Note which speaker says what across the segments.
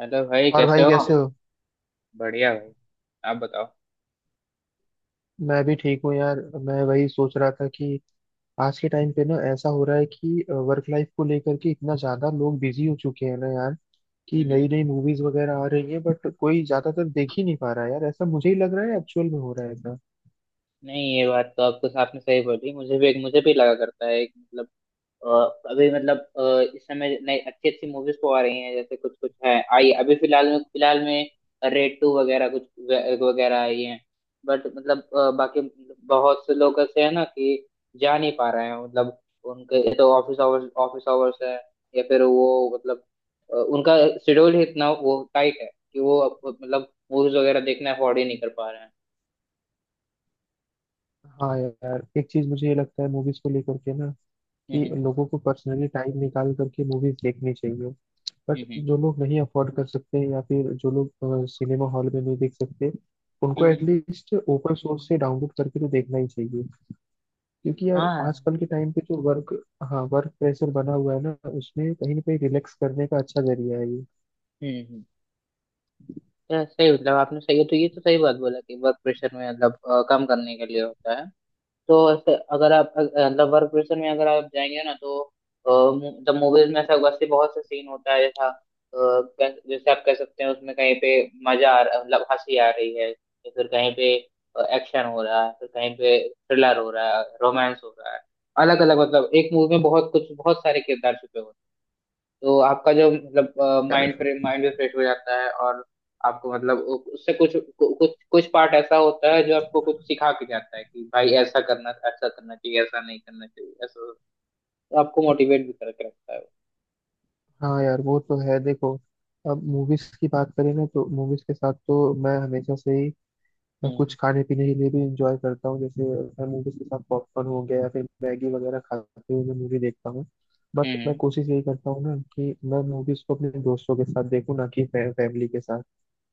Speaker 1: Hello भाई,
Speaker 2: और
Speaker 1: कैसे
Speaker 2: भाई
Speaker 1: हो?
Speaker 2: कैसे
Speaker 1: हेलो।
Speaker 2: हो।
Speaker 1: बढ़िया भाई, आप बताओ।
Speaker 2: मैं भी ठीक हूँ यार। मैं वही सोच रहा था कि आज के टाइम पे ना ऐसा हो रहा है कि वर्क लाइफ को लेकर के इतना ज्यादा लोग बिजी हो चुके हैं ना यार, कि नई
Speaker 1: हम्म।
Speaker 2: नई मूवीज वगैरह आ रही है बट कोई ज्यादातर देख ही नहीं पा रहा है यार। ऐसा मुझे ही लग रहा है, एक्चुअल में हो रहा है ऐसा।
Speaker 1: नहीं, ये बात तो आपको आपने सही बोली, मुझे भी लगा करता है। एक मतलब, अ, अभी मतलब इस समय नई अच्छी अच्छी मूवीज तो आ रही हैं, जैसे कुछ कुछ है आई अभी फिलहाल में रेड टू वगैरह कुछ वगैरह आई हैं। बट मतलब बाकी बहुत से लोग ऐसे हैं ना कि जा नहीं पा रहे हैं। मतलब उनके तो ऑफिस आवर्स है, या फिर वो मतलब उनका शेड्यूल ही इतना वो टाइट है कि वो मतलब मूवीज वगैरह देखना अफोर्ड ही नहीं कर पा रहे हैं।
Speaker 2: हाँ यार, एक चीज मुझे ये लगता है मूवीज को लेकर के ना, कि
Speaker 1: हम्म
Speaker 2: लोगों को पर्सनली टाइम निकाल करके मूवीज देखनी चाहिए। बट
Speaker 1: हम्म।
Speaker 2: जो लोग नहीं अफोर्ड कर सकते हैं या फिर जो लोग सिनेमा हॉल में नहीं देख सकते, उनको
Speaker 1: हम्म हम्म।
Speaker 2: एटलीस्ट ओपन सोर्स से डाउनलोड करके तो देखना ही चाहिए। क्योंकि यार
Speaker 1: हाँ।
Speaker 2: आजकल के टाइम पे जो वर्क, हाँ, वर्क प्रेशर बना हुआ है ना, उसमें कहीं ना कहीं रिलैक्स करने का अच्छा जरिया है ये
Speaker 1: हम्म। यार सही, मतलब आपने सही है तो ये तो सही बात बोला कि वर्क प्रेशर में मतलब कम करने के लिए होता है। तो ऐसे अगर आप मतलब वर्क प्रेशर में अगर आप जाएंगे ना तो द मूवीज में ऐसा वैसे बहुत से सीन होता है, जैसा जैसे आप कह सकते हैं, उसमें कहीं पे मजा आ रहा, मतलब हंसी आ रही है, या फिर कहीं पे एक्शन हो रहा है, फिर कहीं पे थ्रिलर हो रहा है, रोमांस हो रहा है। अलग अलग, मतलब एक मूवी में बहुत कुछ, बहुत सारे किरदार छुपे होते हैं। तो आपका जो मतलब माइंड
Speaker 2: यार।
Speaker 1: माइंड भी फ्रेश हो जाता है, और आपको मतलब उससे कुछ कुछ कुछ पार्ट ऐसा होता है जो आपको कुछ सिखा के जाता है कि भाई ऐसा करना, ऐसा करना चाहिए, ऐसा नहीं करना चाहिए, ऐसा। तो आपको मोटिवेट भी करके रखता है वो।
Speaker 2: हाँ यार, वो तो है देखो। अब मूवीज की बात करें ना तो मूवीज के साथ तो मैं हमेशा से ही मैं कुछ
Speaker 1: हम्म।
Speaker 2: खाने पीने के लिए भी इंजॉय करता हूँ, जैसे मैं मूवीज के साथ पॉपकॉर्न हो गया या फिर मैगी वगैरह खाते हुए मैं मूवी देखता हूँ। बट मैं
Speaker 1: हम्म
Speaker 2: कोशिश यही करता हूँ ना कि मैं मूवीज को अपने दोस्तों के साथ देखूँ ना कि फैमिली के साथ।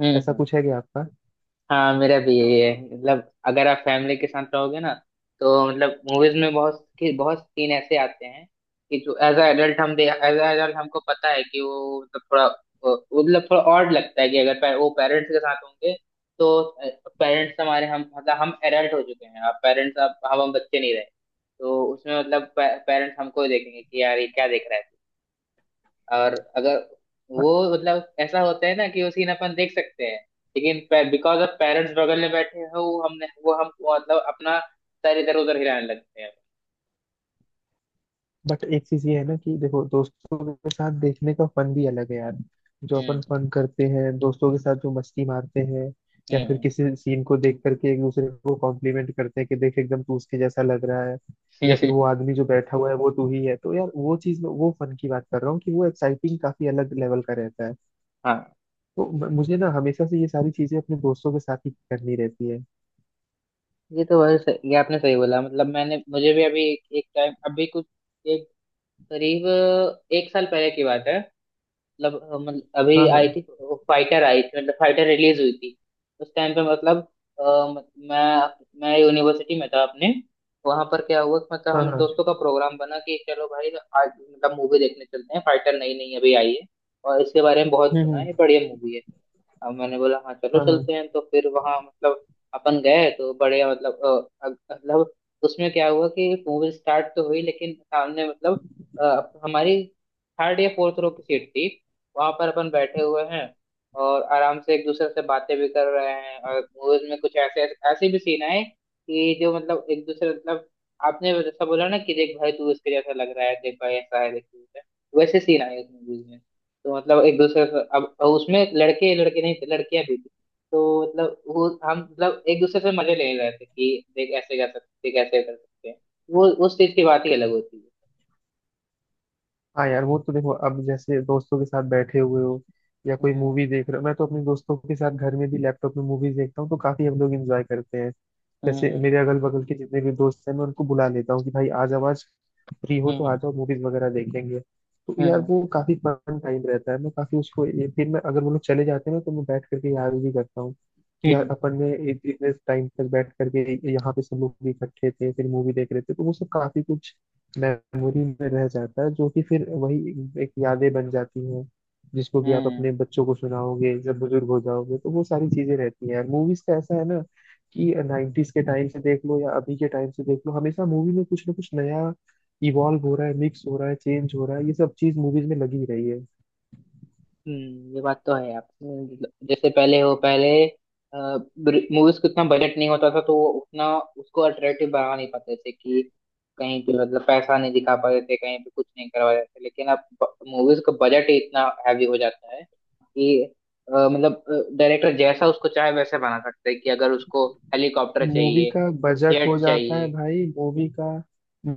Speaker 1: हम्म।
Speaker 2: ऐसा कुछ है क्या आपका?
Speaker 1: हाँ मेरा भी यही है, मतलब अगर आप फैमिली के साथ रहोगे ना, तो मतलब मूवीज में बहुत सीन ऐसे आते हैं कि जो एज अ एडल्ट हम एज अ एडल्ट हमको पता है कि वो मतलब थोड़ा वो, मतलब थोड़ा ऑड लगता है कि अगर पे, वो पेरेंट्स के साथ होंगे, तो पेरेंट्स हमारे, हम मतलब हम एडल्ट हो चुके हैं, अब पेरेंट्स अब हम बच्चे नहीं रहे। तो उसमें मतलब पेरेंट्स हमको देखेंगे कि यार ये क्या देख रहा है। और अगर वो मतलब ऐसा होता है ना कि वो सीन अपन देख सकते हैं, लेकिन बिकॉज ऑफ पेरेंट्स बगल में बैठे हैं, वो हमने, वो हम मतलब अपना सर इधर उधर हिलाने लगते हैं।
Speaker 2: बट एक चीज ये है ना कि देखो, दोस्तों के साथ देखने का फन भी अलग है यार। जो अपन
Speaker 1: हम्म
Speaker 2: फन करते हैं दोस्तों के साथ, जो मस्ती मारते हैं, या फिर
Speaker 1: हम्म।
Speaker 2: किसी सीन को देख करके एक दूसरे को कॉम्प्लीमेंट करते हैं कि देख एकदम तू उसके जैसा लग रहा है, या फिर वो
Speaker 1: हम्म।
Speaker 2: आदमी जो बैठा हुआ है वो तू ही है, तो यार वो चीज में वो फन की बात कर रहा हूँ कि वो एक्साइटिंग काफी अलग लेवल का रहता है।
Speaker 1: हाँ।
Speaker 2: तो मुझे ना हमेशा से ये सारी चीजें अपने दोस्तों के साथ ही करनी रहती है।
Speaker 1: ये तो बहुत सही, ये आपने सही बोला। मतलब मैंने, मुझे भी अभी एक टाइम, अभी कुछ एक, करीब एक साल पहले की बात है। मतलब अभी
Speaker 2: हाँ,
Speaker 1: आई
Speaker 2: हाँ,
Speaker 1: थी, फाइटर आई थी, मतलब फाइटर रिलीज हुई थी। उस टाइम पे मतलब अ, म- मैं यूनिवर्सिटी में था अपने। वहां पर क्या हुआ कि मतलब
Speaker 2: हाँ,
Speaker 1: हम
Speaker 2: हाँ,
Speaker 1: दोस्तों का प्रोग्राम बना कि चलो भाई आज मतलब मूवी देखने चलते हैं, फाइटर नई नई अभी आई है और इसके बारे में बहुत
Speaker 2: हम्म,
Speaker 1: सुना
Speaker 2: हम्म,
Speaker 1: है, बढ़िया मूवी है। अब मैंने बोला हाँ चलो
Speaker 2: हाँ
Speaker 1: चलते
Speaker 2: हाँ,
Speaker 1: हैं। तो फिर वहां मतलब अपन गए, तो बड़े मतलब मतलब उसमें क्या हुआ कि मूवी स्टार्ट तो हुई, लेकिन सामने मतलब हमारी थर्ड या फोर्थ रो की सीट थी। वहां पर अपन बैठे हुए हैं, और आराम से एक दूसरे से बातें भी कर रहे हैं, और मूवीज में कुछ ऐसे ऐसे भी सीन आए कि जो मतलब एक दूसरे, मतलब आपने जैसा बोला ना कि देख भाई तू इसके जैसा लग रहा है, देख भाई ऐसा है, देख तू वैसा है, वैसे सीन आए उस मूवीज में। तो मतलब एक दूसरे से, अब उसमें लड़के लड़के नहीं थे, लड़कियां भी थी। तो मतलब वो हम मतलब एक दूसरे से मजे ले रहे थे कि देख ऐसे कर सकते हैं। वो उस चीज की बात ही अलग होती है।
Speaker 2: हाँ। यार वो तो देखो, अब जैसे दोस्तों के साथ बैठे हुए हो या कोई
Speaker 1: हम्म
Speaker 2: मूवी देख रहे हो, मैं तो अपने दोस्तों के साथ घर में भी लैपटॉप में मूवीज देखता हूँ तो काफी हम लोग इंजॉय करते हैं। जैसे
Speaker 1: हम्म।
Speaker 2: मेरे अगल बगल के जितने भी दोस्त हैं मैं उनको बुला लेता हूँ कि भाई आज आवाज फ्री हो तो आ
Speaker 1: हम्म
Speaker 2: जाओ, मूवीज वगैरह देखेंगे। तो
Speaker 1: हम्म
Speaker 2: यार
Speaker 1: हम्म
Speaker 2: वो काफी फन टाइम रहता है। मैं काफी उसको फिर मैं, अगर वो लोग चले जाते हैं ना, तो मैं बैठ करके याद भी करता हूँ कि यार
Speaker 1: हम्म,
Speaker 2: अपन ने इतने टाइम तक बैठ करके यहाँ पे सब लोग भी इकट्ठे थे, फिर मूवी देख रहे थे, तो वो सब काफी कुछ मेमोरी में रह जाता है जो कि फिर वही एक यादें बन जाती हैं, जिसको कि आप
Speaker 1: हम्म।
Speaker 2: अपने बच्चों को सुनाओगे जब बुजुर्ग हो जाओगे, तो वो सारी चीजें रहती हैं। मूवीज का ऐसा है ना कि 90s के टाइम से देख लो या अभी के टाइम से देख लो, हमेशा मूवी में कुछ ना कुछ नया इवॉल्व हो रहा है, मिक्स हो रहा है, चेंज हो रहा है, ये सब चीज मूवीज में लगी रही है।
Speaker 1: हम्म। ये बात तो है। आप जैसे पहले हो, पहले मूवीज को इतना बजट नहीं होता था तो वो उतना उसको अट्रैक्टिव बना नहीं पाते थे, कि कहीं पे मतलब पैसा नहीं दिखा पाते थे, कहीं पे कुछ नहीं करवा पाते थे, लेकिन अब मूवीज का बजट ही इतना हैवी हो जाता है कि मतलब डायरेक्टर जैसा उसको चाहे वैसे बना सकते हैं, कि अगर उसको हेलीकॉप्टर
Speaker 2: मूवी
Speaker 1: चाहिए,
Speaker 2: का बजट हो
Speaker 1: जेट
Speaker 2: जाता है
Speaker 1: चाहिए।
Speaker 2: भाई, मूवी का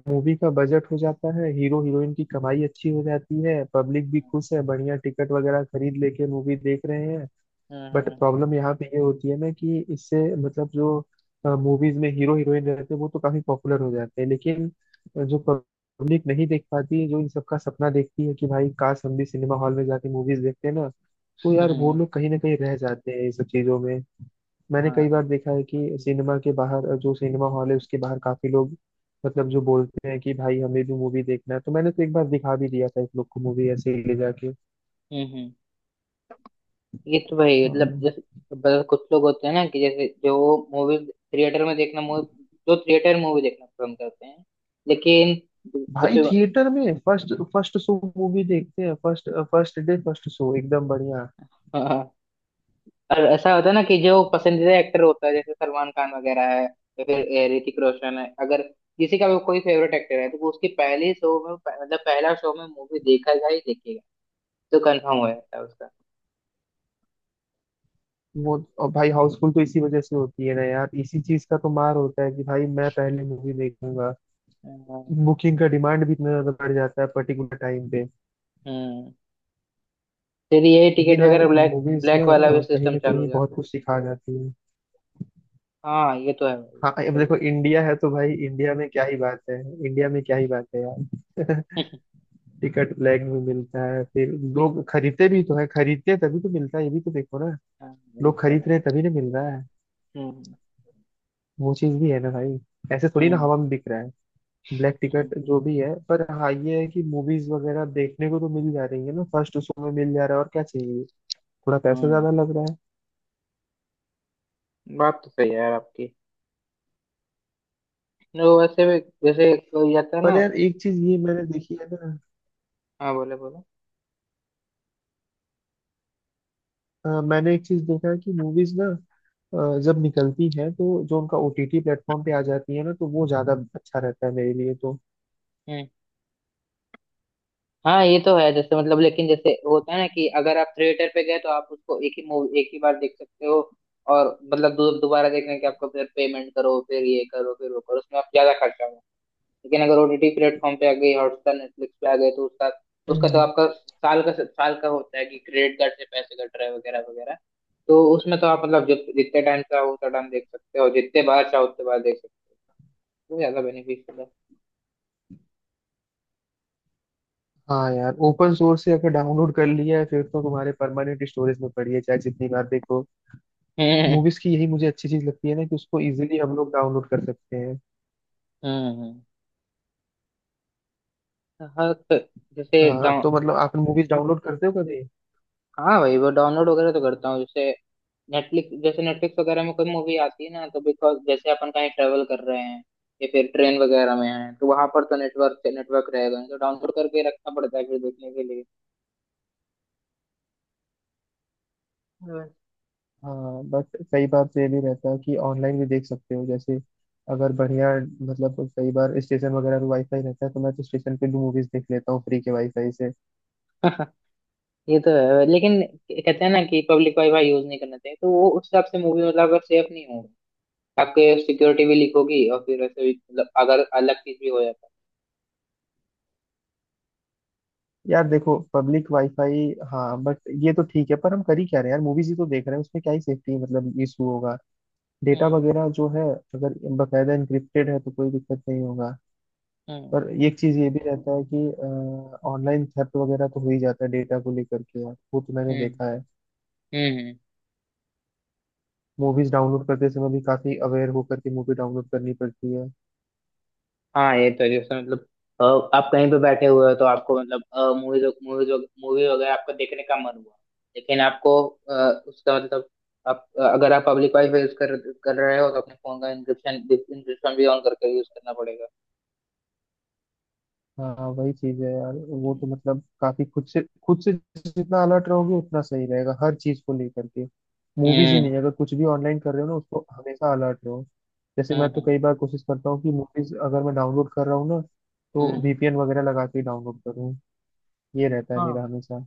Speaker 2: मूवी का बजट हो जाता है, हीरो हीरोइन की कमाई अच्छी हो जाती है, पब्लिक भी खुश है, बढ़िया टिकट वगैरह खरीद लेके मूवी देख रहे हैं।
Speaker 1: हम्म
Speaker 2: बट
Speaker 1: हम्म
Speaker 2: प्रॉब्लम यहाँ पे ये होती है ना कि इससे मतलब जो मूवीज में हीरो हीरोइन रहते हैं वो तो काफी पॉपुलर हो जाते हैं, लेकिन जो पब्लिक नहीं देख पाती है, जो इन सबका सपना देखती है कि भाई काश हम भी सिनेमा हॉल में जाके मूवीज देखते हैं ना, तो यार वो
Speaker 1: हम्म,
Speaker 2: लोग कहीं ना कहीं रह जाते हैं इन सब चीजों में। मैंने कई बार
Speaker 1: हाँ।
Speaker 2: देखा है कि सिनेमा के बाहर, जो सिनेमा हॉल है उसके बाहर, काफी लोग मतलब जो बोलते हैं कि भाई हमें भी मूवी देखना है, तो मैंने तो एक बार दिखा भी दिया था एक लोग को मूवी ऐसे ही ले जाके।
Speaker 1: हम्म। ये तो भाई मतलब
Speaker 2: हाँ
Speaker 1: जैसे, मतलब कुछ लोग होते हैं ना कि जैसे जो मूवी थिएटर में देखना, मूवी जो थिएटर मूवी देखना पसंद करते हैं, लेकिन कुछ।
Speaker 2: भाई, थिएटर में फर्स्ट फर्स्ट शो मूवी देखते हैं, first first day first show, एकदम बढ़िया।
Speaker 1: हाँ, और ऐसा होता है ना कि जो पसंदीदा एक्टर होता है जैसे सलमान खान वगैरह है, या फिर ऋतिक रोशन है, अगर किसी का भी कोई फेवरेट एक्टर है तो वो उसकी पहली शो में, मतलब पहला शो में मूवी देखेगा ही देखेगा। तो कंफर्म हो जाता है उसका।
Speaker 2: वो, और भाई हाउसफुल तो इसी वजह से होती है ना यार, इसी चीज का तो मार होता है कि भाई मैं पहले मूवी देखूंगा।
Speaker 1: हाँ।
Speaker 2: बुकिंग का डिमांड भी इतना ज्यादा बढ़ जाता है पर्टिकुलर टाइम पे।
Speaker 1: हम्म। फिर ये टिकट
Speaker 2: लेकिन यार
Speaker 1: वगैरह ब्लैक
Speaker 2: मूवीज ना
Speaker 1: ब्लैक वाला भी
Speaker 2: कहीं
Speaker 1: सिस्टम
Speaker 2: ना
Speaker 1: चालू हो
Speaker 2: कहीं बहुत
Speaker 1: जाता है।
Speaker 2: कुछ सिखा जाती है।
Speaker 1: हाँ ये तो है भाई,
Speaker 2: हाँ अब
Speaker 1: सही
Speaker 2: देखो,
Speaker 1: बोला।
Speaker 2: इंडिया है तो भाई इंडिया में क्या ही बात है। इंडिया में क्या ही बात है यार। टिकट ब्लैक में मिलता है, फिर लोग खरीदते भी तो है, खरीदते हैं तभी तो मिलता है, ये भी तो देखो ना।
Speaker 1: हाँ ये
Speaker 2: लोग
Speaker 1: तो
Speaker 2: खरीद
Speaker 1: है।
Speaker 2: रहे हैं तभी ना मिल रहा है।
Speaker 1: हम्म।
Speaker 2: वो चीज भी है ना भाई। ऐसे थोड़ी ना
Speaker 1: हम्म
Speaker 2: हवा में बिक रहा है ब्लैक
Speaker 1: हम्म
Speaker 2: टिकट जो भी है। पर हाँ ये है कि मूवीज वगैरह देखने को तो मिल जा रही है ना, फर्स्ट शो में मिल जा रहा है, और क्या चाहिए। थोड़ा पैसा
Speaker 1: हम्म,
Speaker 2: ज्यादा लग रहा है।
Speaker 1: बात तो सही है यार आपकी। नो वैसे भी, जैसे कोई जाता है
Speaker 2: पर
Speaker 1: ना।
Speaker 2: यार एक चीज ये मैंने देखी है ना।
Speaker 1: हाँ बोले बोले।
Speaker 2: मैंने एक चीज देखा है कि मूवीज ना जब निकलती है, तो जो उनका ओटीटी प्लेटफॉर्म पे आ जाती है ना, तो वो ज्यादा अच्छा रहता है मेरे लिए तो।
Speaker 1: हम्म। हाँ ये तो है, जैसे मतलब, लेकिन जैसे होता है ना कि अगर आप थिएटर पे गए तो आप उसको एक ही मूवी एक ही बार देख सकते हो, और मतलब दोबारा देखने के आपको फिर पेमेंट करो, फिर ये करो, फिर वो करो, उसमें आप ज्यादा खर्चा होगा। लेकिन अगर ओटीटी प्लेटफॉर्म पे आ गई, हॉटस्टार नेटफ्लिक्स पे आ गए तो उसका, उसका तो
Speaker 2: हम्म।
Speaker 1: आपका साल का होता है कि क्रेडिट कार्ड से पैसे कट रहे हैं वगैरह वगैरह। तो उसमें तो आप मतलब जितने टाइम चाहो उतना टाइम देख सकते हो, जितने बार चाहो उतने बार देख सकते हो, तो ज्यादा बेनिफिशियल है।
Speaker 2: हाँ यार, ओपन सोर्स से अगर डाउनलोड कर लिया है फिर तो तुम्हारे परमानेंट स्टोरेज में पड़ी है, चाहे जितनी बार देखो।
Speaker 1: हम्म।
Speaker 2: मूवीज की यही मुझे अच्छी चीज लगती है ना कि उसको इजीली हम लोग डाउनलोड कर सकते हैं।
Speaker 1: हम्म। हाँ तो जैसे
Speaker 2: हाँ
Speaker 1: डाउन।
Speaker 2: तो मतलब आप मूवीज डाउनलोड करते हो कभी?
Speaker 1: हाँ भाई, वो डाउनलोड वगैरह तो करता हूँ, जैसे नेटफ्लिक्स वगैरह में कोई मूवी आती है ना तो बिकॉज जैसे अपन कहीं ट्रेवल कर रहे हैं या फिर ट्रेन वगैरह में है, तो वहां पर तो नेटवर्क नेटवर्क रहेगा नहीं, तो डाउनलोड करके रखना पड़ता है फिर देखने के लिए। हाँ।
Speaker 2: हाँ बट कई बार तो ये भी रहता है कि ऑनलाइन भी देख सकते हो, जैसे अगर बढ़िया मतलब कई बार स्टेशन वगैरह पे वाईफाई रहता है, तो मैं तो स्टेशन पे भी मूवीज देख लेता हूँ फ्री के वाईफाई से।
Speaker 1: ये तो है, लेकिन कहते हैं ना कि पब्लिक वाईफाई यूज नहीं करना चाहिए, तो वो उस हिसाब से मूवी, मतलब अगर सेफ नहीं हो, आपके सिक्योरिटी भी लीक होगी और फिर वैसे भी मतलब अगर अलग चीज भी हो जाता है।
Speaker 2: यार देखो, पब्लिक वाईफाई, हाँ बट ये तो ठीक है, पर हम कर ही क्या रहे हैं यार, मूवीज ही तो देख रहे हैं, उसमें क्या ही सेफ्टी मतलब इशू होगा। डेटा
Speaker 1: हम्म।
Speaker 2: वगैरह जो है, अगर बकायदा इंक्रिप्टेड है तो कोई दिक्कत नहीं होगा। और
Speaker 1: हम्म
Speaker 2: एक चीज ये भी रहता है कि ऑनलाइन थेफ्ट वगैरह तो हो ही जाता है डेटा को लेकर के यार, वो तो मैंने
Speaker 1: हम्म
Speaker 2: देखा है।
Speaker 1: हम्म।
Speaker 2: मूवीज डाउनलोड करते समय भी काफी अवेयर होकर के मूवी डाउनलोड करनी पड़ती है।
Speaker 1: हाँ ये तो है, जैसे मतलब अ, आप कहीं पे बैठे हुए हो तो आपको मतलब मूवीज मूवीज मूवी वगैरह आपको देखने का मन हुआ, लेकिन आपको अ, उसका मतलब, आप अगर आप पब्लिक वाईफाई यूज कर कर रहे हो तो अपने फोन का इंक्रिप्शन इंक्रिप्शन भी ऑन करके यूज करना पड़ेगा।
Speaker 2: हाँ वही चीज है यार। वो तो
Speaker 1: हम्म
Speaker 2: मतलब काफी खुद से खुद से, जितना अलर्ट रहोगे उतना सही रहेगा हर चीज को लेकर के। मूवीज ही
Speaker 1: हम्म
Speaker 2: नहीं, अगर कुछ भी ऑनलाइन कर रहे हो ना, उसको हमेशा अलर्ट रहो। जैसे मैं तो
Speaker 1: हम्म
Speaker 2: कई बार कोशिश करता हूँ कि मूवीज अगर मैं डाउनलोड कर रहा हूँ ना, तो
Speaker 1: हम्म।
Speaker 2: वीपीएन वगैरह लगा के डाउनलोड करूँ। ये रहता है मेरा
Speaker 1: हाँ।
Speaker 2: हमेशा।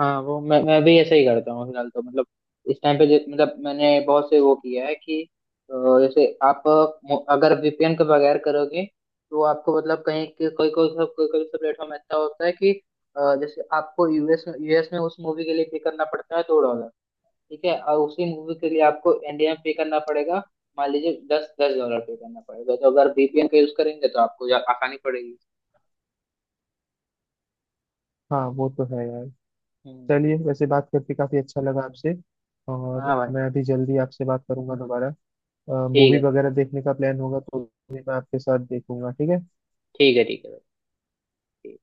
Speaker 1: हाँ वो मैं भी ऐसे ही करता हूँ फिलहाल तो, मतलब इस टाइम पे मतलब मैंने बहुत से वो किया है कि अ, जैसे आप अगर वीपीएन के बगैर करोगे तो आपको मतलब कहीं कोई कोई सा प्लेटफॉर्म ऐसा होता है कि जैसे आपको यूएस में उस मूवी के लिए पे करना पड़ता है $2, ठीक है, और उसी मूवी के लिए आपको इंडिया में पे करना पड़ेगा मान लीजिए दस $10 पे करना पड़ेगा, तो अगर वीपीएन का यूज करेंगे तो आपको आसानी पड़ेगी।
Speaker 2: हाँ वो तो है यार।
Speaker 1: हम्म।
Speaker 2: चलिए, वैसे बात करके काफी अच्छा लगा आपसे। और
Speaker 1: हाँ भाई।
Speaker 2: मैं अभी जल्दी आपसे बात करूंगा दोबारा।
Speaker 1: ठीक
Speaker 2: मूवी
Speaker 1: है।
Speaker 2: वगैरह देखने का प्लान होगा तो भी मैं आपके साथ देखूंगा, ठीक है।
Speaker 1: ठीक है, ठीक है, ठीक है भाई। ठीक।